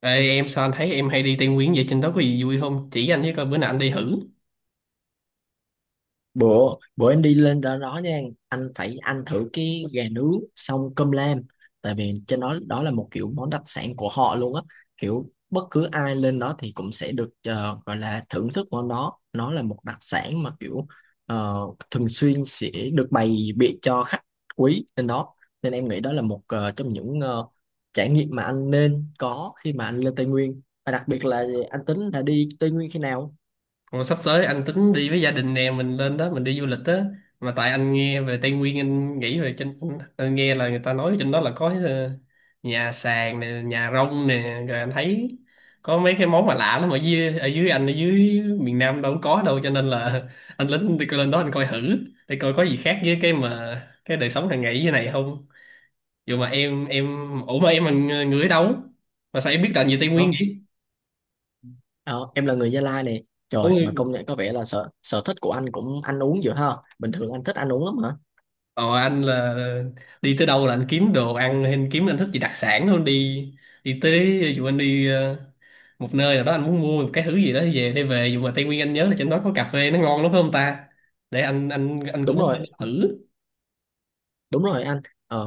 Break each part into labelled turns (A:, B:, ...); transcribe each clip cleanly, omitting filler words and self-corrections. A: Ê, em, sao anh thấy em hay đi Tây Nguyên vậy? Trên đó có gì vui không, chỉ anh với coi, bữa nào anh đi thử.
B: Bữa bữa em đi lên đó nha. Anh phải ăn thử cái gà nướng xong cơm lam. Tại vì trên đó đó là một kiểu món đặc sản của họ luôn á, kiểu bất cứ ai lên đó thì cũng sẽ được gọi là thưởng thức món đó. Nó là một đặc sản mà kiểu ờ, thường xuyên sẽ được bày biện cho khách quý lên đó, nên em nghĩ đó là một trong những trải nghiệm mà anh nên có khi mà anh lên Tây Nguyên. Và đặc biệt là anh tính là đi Tây Nguyên khi nào?
A: Còn sắp tới anh tính đi với gia đình nè, mình lên đó mình đi du lịch á. Mà tại anh nghe về Tây Nguyên, anh nghĩ về trên. Anh nghe là người ta nói trên đó là có nhà sàn nè, nhà rông nè, rồi anh thấy có mấy cái món mà lạ lắm, ở dưới anh, ở dưới miền Nam đâu có đâu, cho nên là anh lính đi coi, lên đó anh coi thử để coi có gì khác với cái mà cái đời sống hàng ngày dưới này không. Dù mà em ủa, mà em là người người ở đâu mà sao em biết rành về Tây Nguyên vậy?
B: Ờ, em là người Gia Lai nè. Trời, mà
A: Ôi.
B: công nhận có vẻ là sở sở thích của anh cũng ăn uống dữ ha. Bình thường anh thích ăn uống lắm hả?
A: Ờ, anh là đi tới đâu là anh kiếm đồ ăn, hay anh kiếm, anh thích gì đặc sản luôn đi. Đi tới, dù anh đi một nơi nào đó, anh muốn mua một cái thứ gì đó về để về, dù mà Tây Nguyên anh nhớ là trên đó có cà phê nó ngon lắm phải không ta? Để anh cũng
B: Đúng
A: muốn
B: rồi,
A: thử.
B: đúng rồi anh. ờ,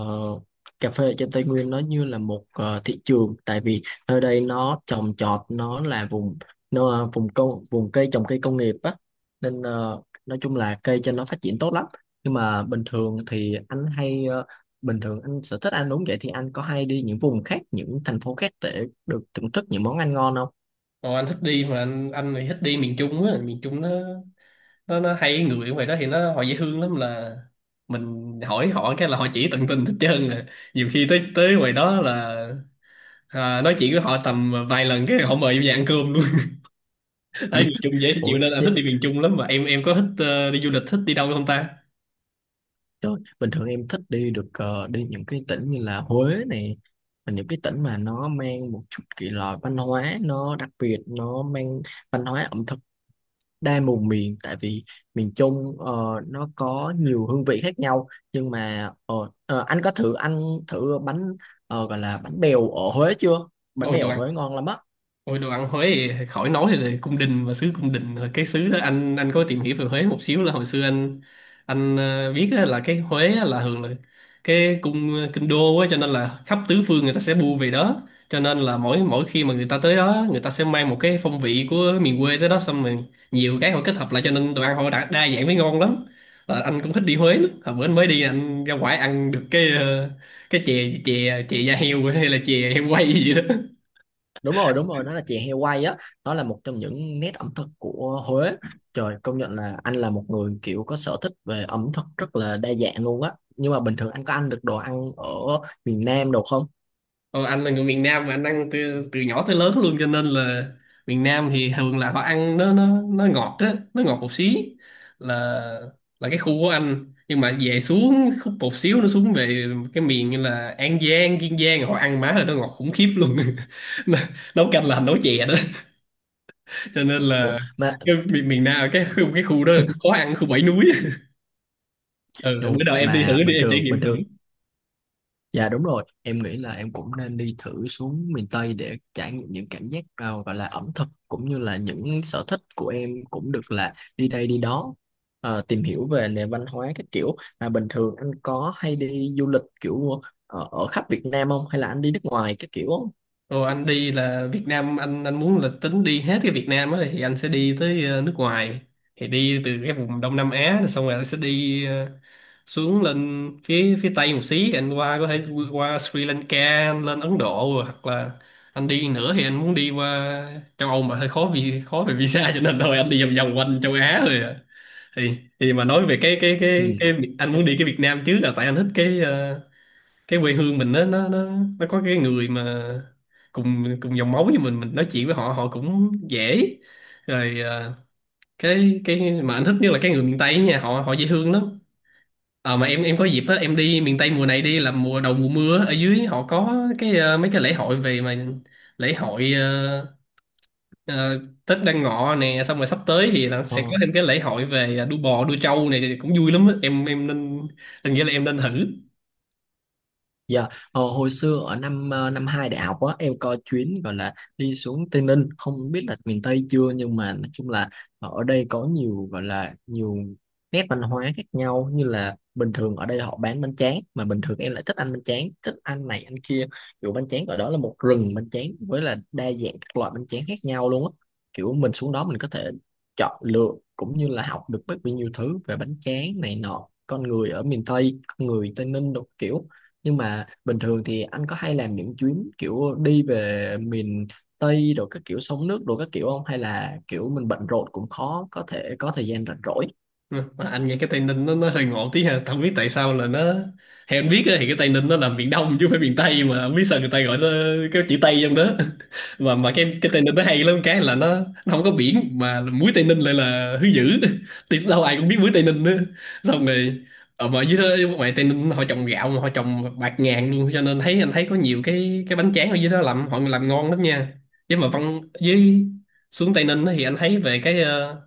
B: Cà phê ở trên Tây Nguyên nó như là một thị trường, tại vì nơi đây nó trồng trọt, nó là vùng vùng cây trồng, cây công nghiệp á. Nên nói chung là cây trên nó phát triển tốt lắm. Nhưng mà bình thường thì anh hay ờ, Bình thường anh sở thích ăn uống vậy thì anh có hay đi những vùng khác, những thành phố khác để được thưởng thức những món ăn ngon không?
A: Còn anh thích đi mà anh thì thích đi miền Trung á, miền Trung nó nó hay, người ở ngoài đó thì nó họ dễ thương lắm, là mình hỏi họ cái là họ chỉ tận tình hết trơn rồi. Nhiều khi tới tới ngoài đó là, à, nói chuyện với họ tầm vài lần cái họ mời em về ăn cơm luôn. Ở miền Trung dễ chịu
B: Ủa,
A: nên anh thích đi miền Trung lắm. Mà em có thích đi du lịch, thích đi đâu không ta?
B: trời, bình thường em thích đi được, đi những cái tỉnh như là Huế này, và những cái tỉnh mà nó mang một chút kỳ lạ, văn hóa nó đặc biệt, nó mang văn hóa ẩm thực đa vùng miền. Tại vì miền Trung nó có nhiều hương vị khác nhau. Nhưng mà anh có thử ăn thử bánh, gọi là bánh bèo ở Huế chưa? Bánh
A: Ôi,
B: bèo
A: đồ
B: ở Huế
A: ăn
B: ngon lắm á.
A: Ôi, đồ ăn Huế thì khỏi nói rồi, là cung đình và xứ cung đình rồi. Cái xứ đó, anh có tìm hiểu về Huế một xíu, là hồi xưa anh biết á, là cái Huế á, là thường là cái kinh đô á, cho nên là khắp tứ phương người ta sẽ bu về đó. Cho nên là mỗi mỗi khi mà người ta tới đó, người ta sẽ mang một cái phong vị của miền quê tới đó, xong rồi nhiều cái họ kết hợp lại, cho nên đồ ăn họ đã đa dạng với ngon lắm. Ờ, anh cũng thích đi Huế lắm. Hồi bữa anh mới đi, anh ra ngoài ăn được cái cái chè chè chè da heo hay là chè heo quay gì đó.
B: Đúng rồi, đúng rồi, nó là chè heo quay á. Nó là một trong những nét ẩm thực của Huế. Trời, công nhận là anh là một người kiểu có sở thích về ẩm thực rất là đa dạng luôn á. Nhưng mà bình thường anh có ăn được đồ ăn ở miền Nam đồ không?
A: Ồ, anh là người miền Nam mà anh ăn từ từ nhỏ tới lớn luôn, cho nên là miền Nam thì thường là họ ăn, nó ngọt á, nó ngọt một xí là là cái khu của anh, nhưng mà về xuống khúc một xíu, nó xuống về cái miền như là An Giang, Kiên Giang họ ăn má rồi, nó ngọt khủng khiếp luôn. Nó- nấu canh là nấu chè đó, cho nên
B: Ủa,
A: là
B: mà
A: cái miền miền Nam, cái khu đó là khó ăn, khu bảy núi. Ừ,
B: Ồ,
A: bữa nào em đi
B: mà
A: thử đi, em trải nghiệm
B: bình
A: thử.
B: thường Dạ, đúng rồi, em nghĩ là em cũng nên đi thử xuống miền Tây để trải nghiệm những cảm giác, à, gọi là ẩm thực, cũng như là những sở thích của em cũng được là đi đây đi đó, à, tìm hiểu về nền văn hóa các kiểu. Mà bình thường anh có hay đi du lịch kiểu ở khắp Việt Nam không, hay là anh đi nước ngoài các kiểu không?
A: Ồ, anh đi là Việt Nam, anh muốn là tính đi hết cái Việt Nam ấy, thì anh sẽ đi tới nước ngoài, thì đi từ cái vùng Đông Nam Á rồi, xong rồi anh sẽ đi xuống lên phía phía Tây một xí, anh qua có thể qua Sri Lanka, anh lên Ấn Độ rồi, hoặc là anh đi nữa thì anh muốn đi qua châu Âu, mà hơi khó vì khó về visa, cho nên thôi anh đi vòng vòng quanh châu Á rồi à. thì thì mà nói về cái cái
B: Ừ.
A: cái cái anh
B: Em,
A: muốn đi cái Việt Nam trước, là tại anh thích cái cái quê hương mình, nó nó có cái người mà cùng cùng dòng máu như mình nói chuyện với họ họ cũng dễ, rồi à, cái mà anh thích nhất là cái người miền Tây nha, họ họ dễ thương lắm. À, mà em có dịp á, em đi miền Tây mùa này đi là mùa đầu mùa mưa á, ở dưới họ có cái mấy cái lễ hội về mà lễ hội Tết Đoan Ngọ nè, xong rồi sắp tới thì là sẽ có
B: ờ.
A: thêm cái lễ hội về đua bò đua trâu này, thì cũng vui lắm á, em nên, anh nghĩ là em nên thử.
B: Dạ, hồi xưa ở năm hai đại học á, em có chuyến gọi là đi xuống Tây Ninh, không biết là miền Tây chưa, nhưng mà nói chung là ở đây có nhiều, gọi là nhiều nét văn hóa khác nhau. Như là bình thường ở đây họ bán bánh tráng, mà bình thường em lại thích ăn bánh tráng, thích ăn này ăn kia, kiểu bánh tráng ở đó là một rừng bánh tráng với là đa dạng các loại bánh tráng khác nhau luôn á. Kiểu mình xuống đó mình có thể chọn lựa, cũng như là học được rất là nhiều thứ về bánh tráng này nọ, con người ở miền Tây, con người Tây Ninh đồ kiểu. Nhưng mà bình thường thì anh có hay làm những chuyến kiểu đi về miền Tây rồi các kiểu sông nước rồi các kiểu không, hay là kiểu mình bận rộn cũng khó có thể có thời gian rảnh rỗi?
A: Mà anh nghe cái Tây Ninh, nó hơi ngộ tí ha, không biết tại sao là nó, theo anh biết á, thì cái Tây Ninh nó là miền Đông chứ không phải miền Tây, mà không biết sao người ta gọi nó cái chữ Tây trong đó. Mà cái Tây Ninh nó hay lắm, cái là nó không có biển mà muối Tây Ninh lại là thứ dữ. Thì đâu ai cũng biết muối Tây Ninh nữa, xong rồi ở mà dưới đó ngoài Tây Ninh họ trồng gạo, mà họ trồng bạc ngàn luôn, cho nên anh thấy có nhiều cái bánh tráng ở dưới đó làm, họ làm ngon lắm nha. Chứ mà văn với, xuống Tây Ninh á thì anh thấy về cái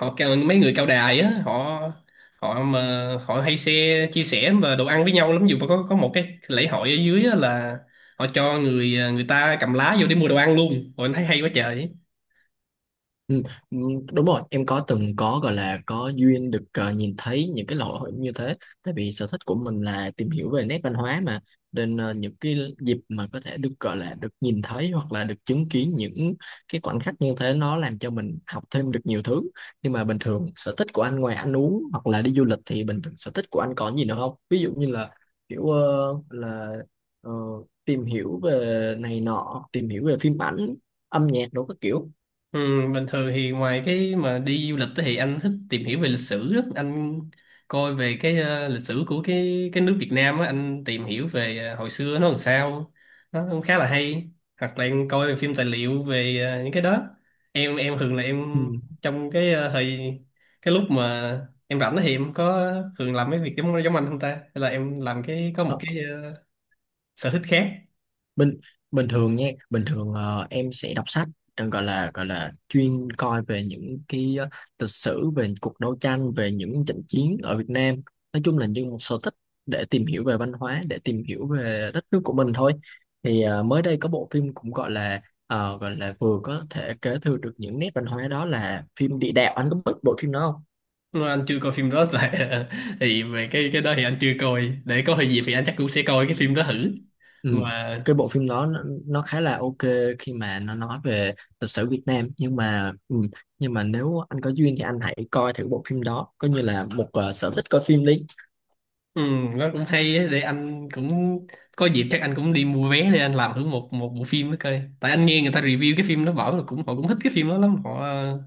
A: mấy người cao đài á, họ, họ mà họ hay xe chia sẻ và đồ ăn với nhau lắm, dù mà có một cái lễ hội ở dưới á, là họ cho người ta cầm lá vô để mua đồ ăn luôn, rồi anh thấy hay quá trời.
B: Ừ, ừ, đúng rồi, em có từng có, gọi là có duyên được nhìn thấy những cái lễ hội như thế. Tại vì sở thích của mình là tìm hiểu về nét văn hóa mà, nên những cái dịp mà có thể được gọi là được nhìn thấy, hoặc là được chứng kiến những cái khoảnh khắc như thế, nó làm cho mình học thêm được nhiều thứ. Nhưng mà bình thường sở thích của anh, ngoài ăn uống hoặc là đi du lịch, thì bình thường sở thích của anh có gì nữa không, ví dụ như là kiểu, là ờ, tìm hiểu về này nọ, tìm hiểu về phim ảnh, âm nhạc đồ các kiểu?
A: Ừ, bình thường thì ngoài cái mà đi du lịch thì anh thích tìm hiểu về lịch sử đó. Anh coi về cái lịch sử của cái nước Việt Nam á, anh tìm hiểu về hồi xưa nó làm sao. Nó cũng khá là hay. Hoặc là em coi phim tài liệu về những cái đó. Em thường là
B: Ừ.
A: em, trong cái thời, cái lúc mà em rảnh thì em có thường làm mấy việc giống giống anh không ta? Hay là em làm cái có một
B: Ờ.
A: cái sở thích khác.
B: bình bình thường nha bình thường ờ, em sẽ đọc sách, gọi là chuyên coi về những cái lịch sử, về cuộc đấu tranh, về những trận chiến ở Việt Nam, nói chung là như một sở thích để tìm hiểu về văn hóa, để tìm hiểu về đất nước của mình thôi. Thì mới đây có bộ phim cũng gọi là vừa có thể kế thừa được những nét văn hóa, đó là phim Địa Đạo, anh có biết bộ phim đó không?
A: Nếu anh chưa coi phim đó tại thì về cái đó thì anh chưa coi, để có gì thì anh chắc cũng sẽ coi cái phim đó thử.
B: Ừ.
A: Mà
B: Cái bộ phim đó nó khá là ok khi mà nó nói về lịch sử Việt Nam. Nhưng mà nếu anh có duyên thì anh hãy coi thử bộ phim đó, coi như là một sở thích coi phim đi.
A: ừ, nó cũng hay á, để anh cũng có dịp chắc anh cũng đi mua vé để anh làm thử một một bộ phim đó coi, tại anh nghe người ta review cái phim đó bảo là cũng họ cũng thích cái phim đó lắm, họ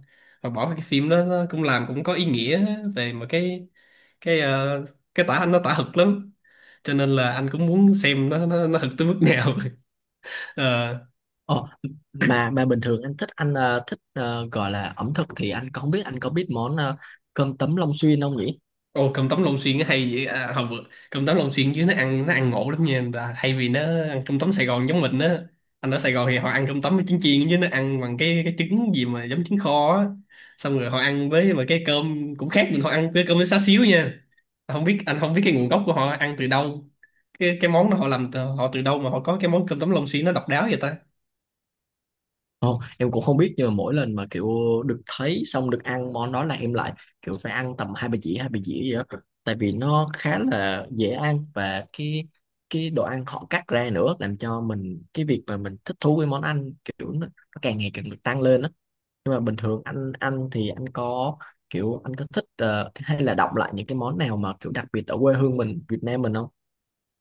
A: họ bảo cái phim đó nó cũng làm cũng có ý nghĩa về mà cái cái tả, anh nó tả thực lắm, cho nên là anh cũng muốn xem nó thực tới mức nào.
B: Ồ, mà bình thường anh thích, anh thích gọi là ẩm thực, thì anh có không biết anh có biết món cơm tấm Long Xuyên không nhỉ?
A: Ồ, cơm tấm Long Xuyên nó hay vậy à, không vượt cơm tấm Long Xuyên chứ, nó ăn ngộ lắm nha, người ta thay vì nó ăn cơm tấm Sài Gòn giống mình á, anh ở Sài Gòn thì họ ăn cơm tấm với trứng chiên, chứ nó ăn bằng cái trứng gì mà giống trứng kho á. Xong rồi họ ăn với, mà cái cơm cũng khác mình, họ ăn với cơm với xá xíu nha. Không biết Anh không biết cái nguồn gốc của họ ăn từ đâu, cái món đó họ làm từ, họ từ đâu mà họ có cái món cơm tấm Long Xuyên nó độc đáo vậy ta?
B: Không, em cũng không biết, nhưng mà mỗi lần mà kiểu được thấy xong được ăn món đó là em lại kiểu phải ăn tầm hai ba dĩa, hai ba dĩa gì đó. Tại vì nó khá là dễ ăn và cái đồ ăn họ cắt ra nữa, làm cho mình cái việc mà mình thích thú với món ăn kiểu nó càng ngày càng được tăng lên á. Nhưng mà bình thường anh ăn thì anh có kiểu anh có thích, hay là đọc lại những cái món nào mà kiểu đặc biệt ở quê hương mình, Việt Nam mình không?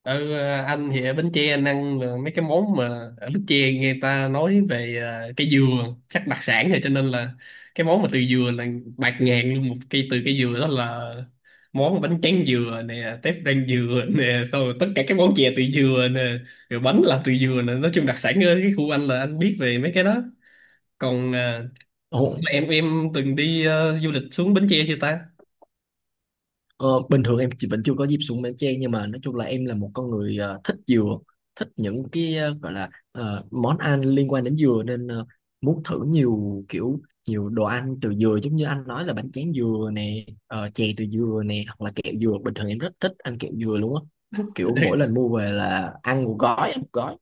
A: Anh thì ở Bến Tre, anh ăn là mấy cái món mà ở Bến Tre người ta nói về cây dừa chắc đặc sản rồi, cho nên là cái món mà từ dừa là bạt ngàn luôn, một cây từ cây dừa đó là món bánh tráng dừa nè, tép rang dừa nè, xong rồi tất cả các món chè từ dừa nè, rồi bánh làm từ dừa nè, nói chung đặc sản ở cái khu anh là anh biết về mấy cái đó. Còn
B: Ồ.
A: em từng đi du lịch xuống Bến Tre chưa ta?
B: Ờ, bình thường vẫn chưa có dịp xuống Bến Tre, nhưng mà nói chung là em là một con người thích dừa, thích những cái, gọi là, món ăn liên quan đến dừa, nên muốn thử nhiều kiểu, nhiều đồ ăn từ dừa. Giống như anh nói là bánh tráng dừa nè, chè từ dừa nè, hoặc là kẹo dừa, bình thường em rất thích ăn kẹo dừa luôn á, kiểu mỗi lần mua về là ăn một gói, ăn một gói.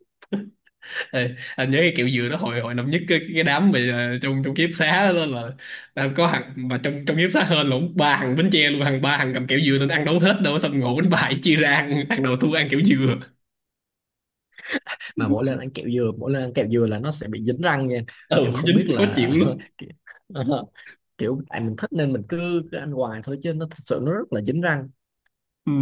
A: Ê, anh nhớ cái kiểu dừa đó, hồi hồi năm nhất cái đám mà trong trong ký túc xá đó, là có thằng mà trong trong ký túc xá, hên lộn ba thằng bánh tre luôn, ba thằng cầm kẹo dừa nên ăn đâu hết đâu, xong ngộ bánh bài chia ra ăn, thằng đầu thua ăn kẹo dừa.
B: Mà mỗi lần ăn kẹo dừa mỗi lần ăn kẹo dừa là nó sẽ bị dính răng nha.
A: Ừ,
B: Em không
A: dính
B: biết
A: khó chịu
B: là
A: lắm.
B: ki- ờ, kiểu tại mình thích nên mình cứ ăn hoài thôi, chứ nó thật sự nó rất là dính răng.
A: Ừ.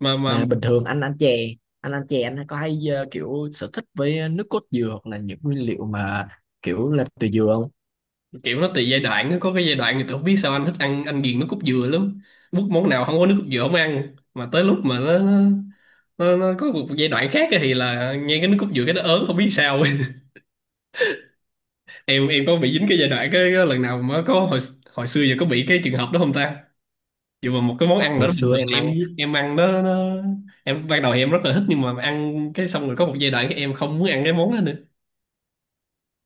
A: mà
B: Mà bình thường anh ăn chè anh có hay, kiểu sở thích với nước cốt dừa hoặc là những nguyên liệu mà kiểu làm từ dừa không?
A: kiểu nó tùy giai đoạn á, có cái giai đoạn thì tôi không biết sao anh thích ăn, anh ghiền nước cốt dừa lắm, bút món nào không có nước cốt dừa không ăn. Mà tới lúc mà nó có một giai đoạn khác á, thì là nghe cái nước cốt dừa cái nó ớn, không biết sao. Em có bị dính cái giai đoạn cái lần nào mà có hồi, hồi xưa giờ có bị cái trường hợp đó không ta? Dù mà một cái món ăn đó
B: Hồi
A: bình
B: xưa
A: thường
B: em
A: em
B: ăn.
A: em ăn nó, em ban đầu thì em rất là thích, nhưng mà ăn cái xong rồi có một giai đoạn cái em không muốn ăn cái món đó nữa.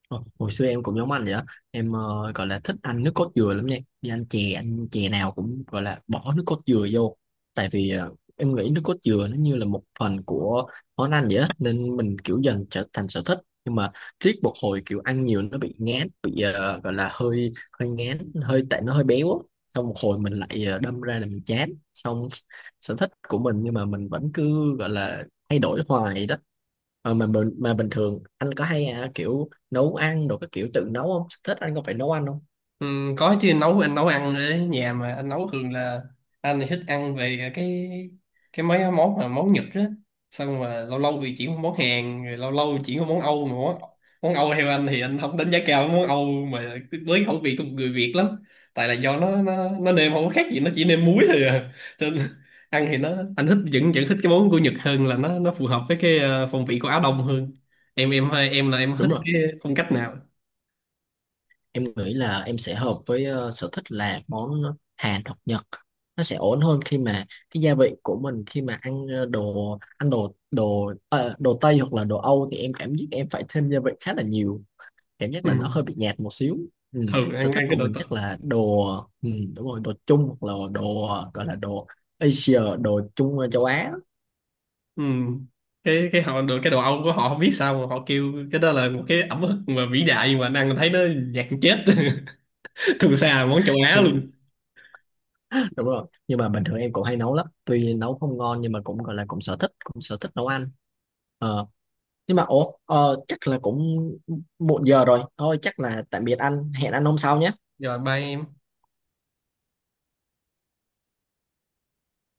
B: Ờ, hồi xưa em cũng giống anh vậy á, em gọi là thích ăn nước cốt dừa lắm nha, đi ăn chè, ăn chè nào cũng gọi là bỏ nước cốt dừa vô. Tại vì em nghĩ nước cốt dừa nó như là một phần của món ăn vậy á, nên mình kiểu dần trở thành sở thích. Nhưng mà riết một hồi kiểu ăn nhiều nó bị ngán, bị gọi là hơi, hơi ngán, hơi tại nó hơi béo á, xong một hồi mình lại đâm ra là mình chán xong sở thích của mình, nhưng mà mình vẫn cứ gọi là thay đổi hoài đó. Ờ, mà mà bình thường anh có hay, à, kiểu nấu ăn đồ các kiểu tự nấu không, thích anh có phải nấu ăn không?
A: Ừ, có chứ, anh nấu ăn ở nhà, mà anh nấu thường là anh thì thích ăn về cái mấy món mà món Nhật á, xong mà lâu lâu thì chuyển qua món Hàn, rồi lâu lâu chuyển qua món Âu, mà món Âu theo anh thì anh không đánh giá cao món Âu, mà với khẩu vị của một người Việt lắm, tại là do nó nêm không có khác gì, nó chỉ nêm muối thôi à, cho nên ăn thì nó, anh thích, vẫn vẫn thích cái món của Nhật hơn, là nó phù hợp với cái phong vị của Á Đông hơn. Em là em
B: Đúng
A: thích
B: rồi,
A: cái phong cách nào?
B: em nghĩ là em sẽ hợp với, sở thích là món, Hàn hoặc Nhật, nó sẽ ổn hơn khi mà cái gia vị của mình, khi mà ăn đồ ăn đồ đồ ờ, đồ Tây hoặc là đồ Âu thì em cảm giác em phải thêm gia vị khá là nhiều, cảm giác
A: Ừ.
B: là nó hơi bị nhạt một xíu. Ừ.
A: Thường
B: Sở
A: ăn ăn
B: thích
A: cái
B: của
A: đồ.
B: mình chắc là đồ, ừ, đúng rồi, đồ Trung hoặc là đồ, gọi là đồ Asia, đồ Trung, châu Á.
A: Ừ. cái họ được, cái đồ Âu của họ không biết sao mà họ kêu cái đó là một cái ẩm thực mà vĩ đại, nhưng mà anh ăn thấy nó nhạt chết. Thù xa món châu Á
B: nhưng
A: luôn.
B: Đúng rồi, nhưng mà bình thường em cũng hay nấu lắm, tuy nấu không ngon, nhưng mà cũng gọi là cũng sở thích nấu ăn. ờ nhưng mà ủa, chắc là cũng muộn giờ rồi thôi, chắc là tạm biệt anh, hẹn anh hôm sau nhé.
A: Rồi, ba em.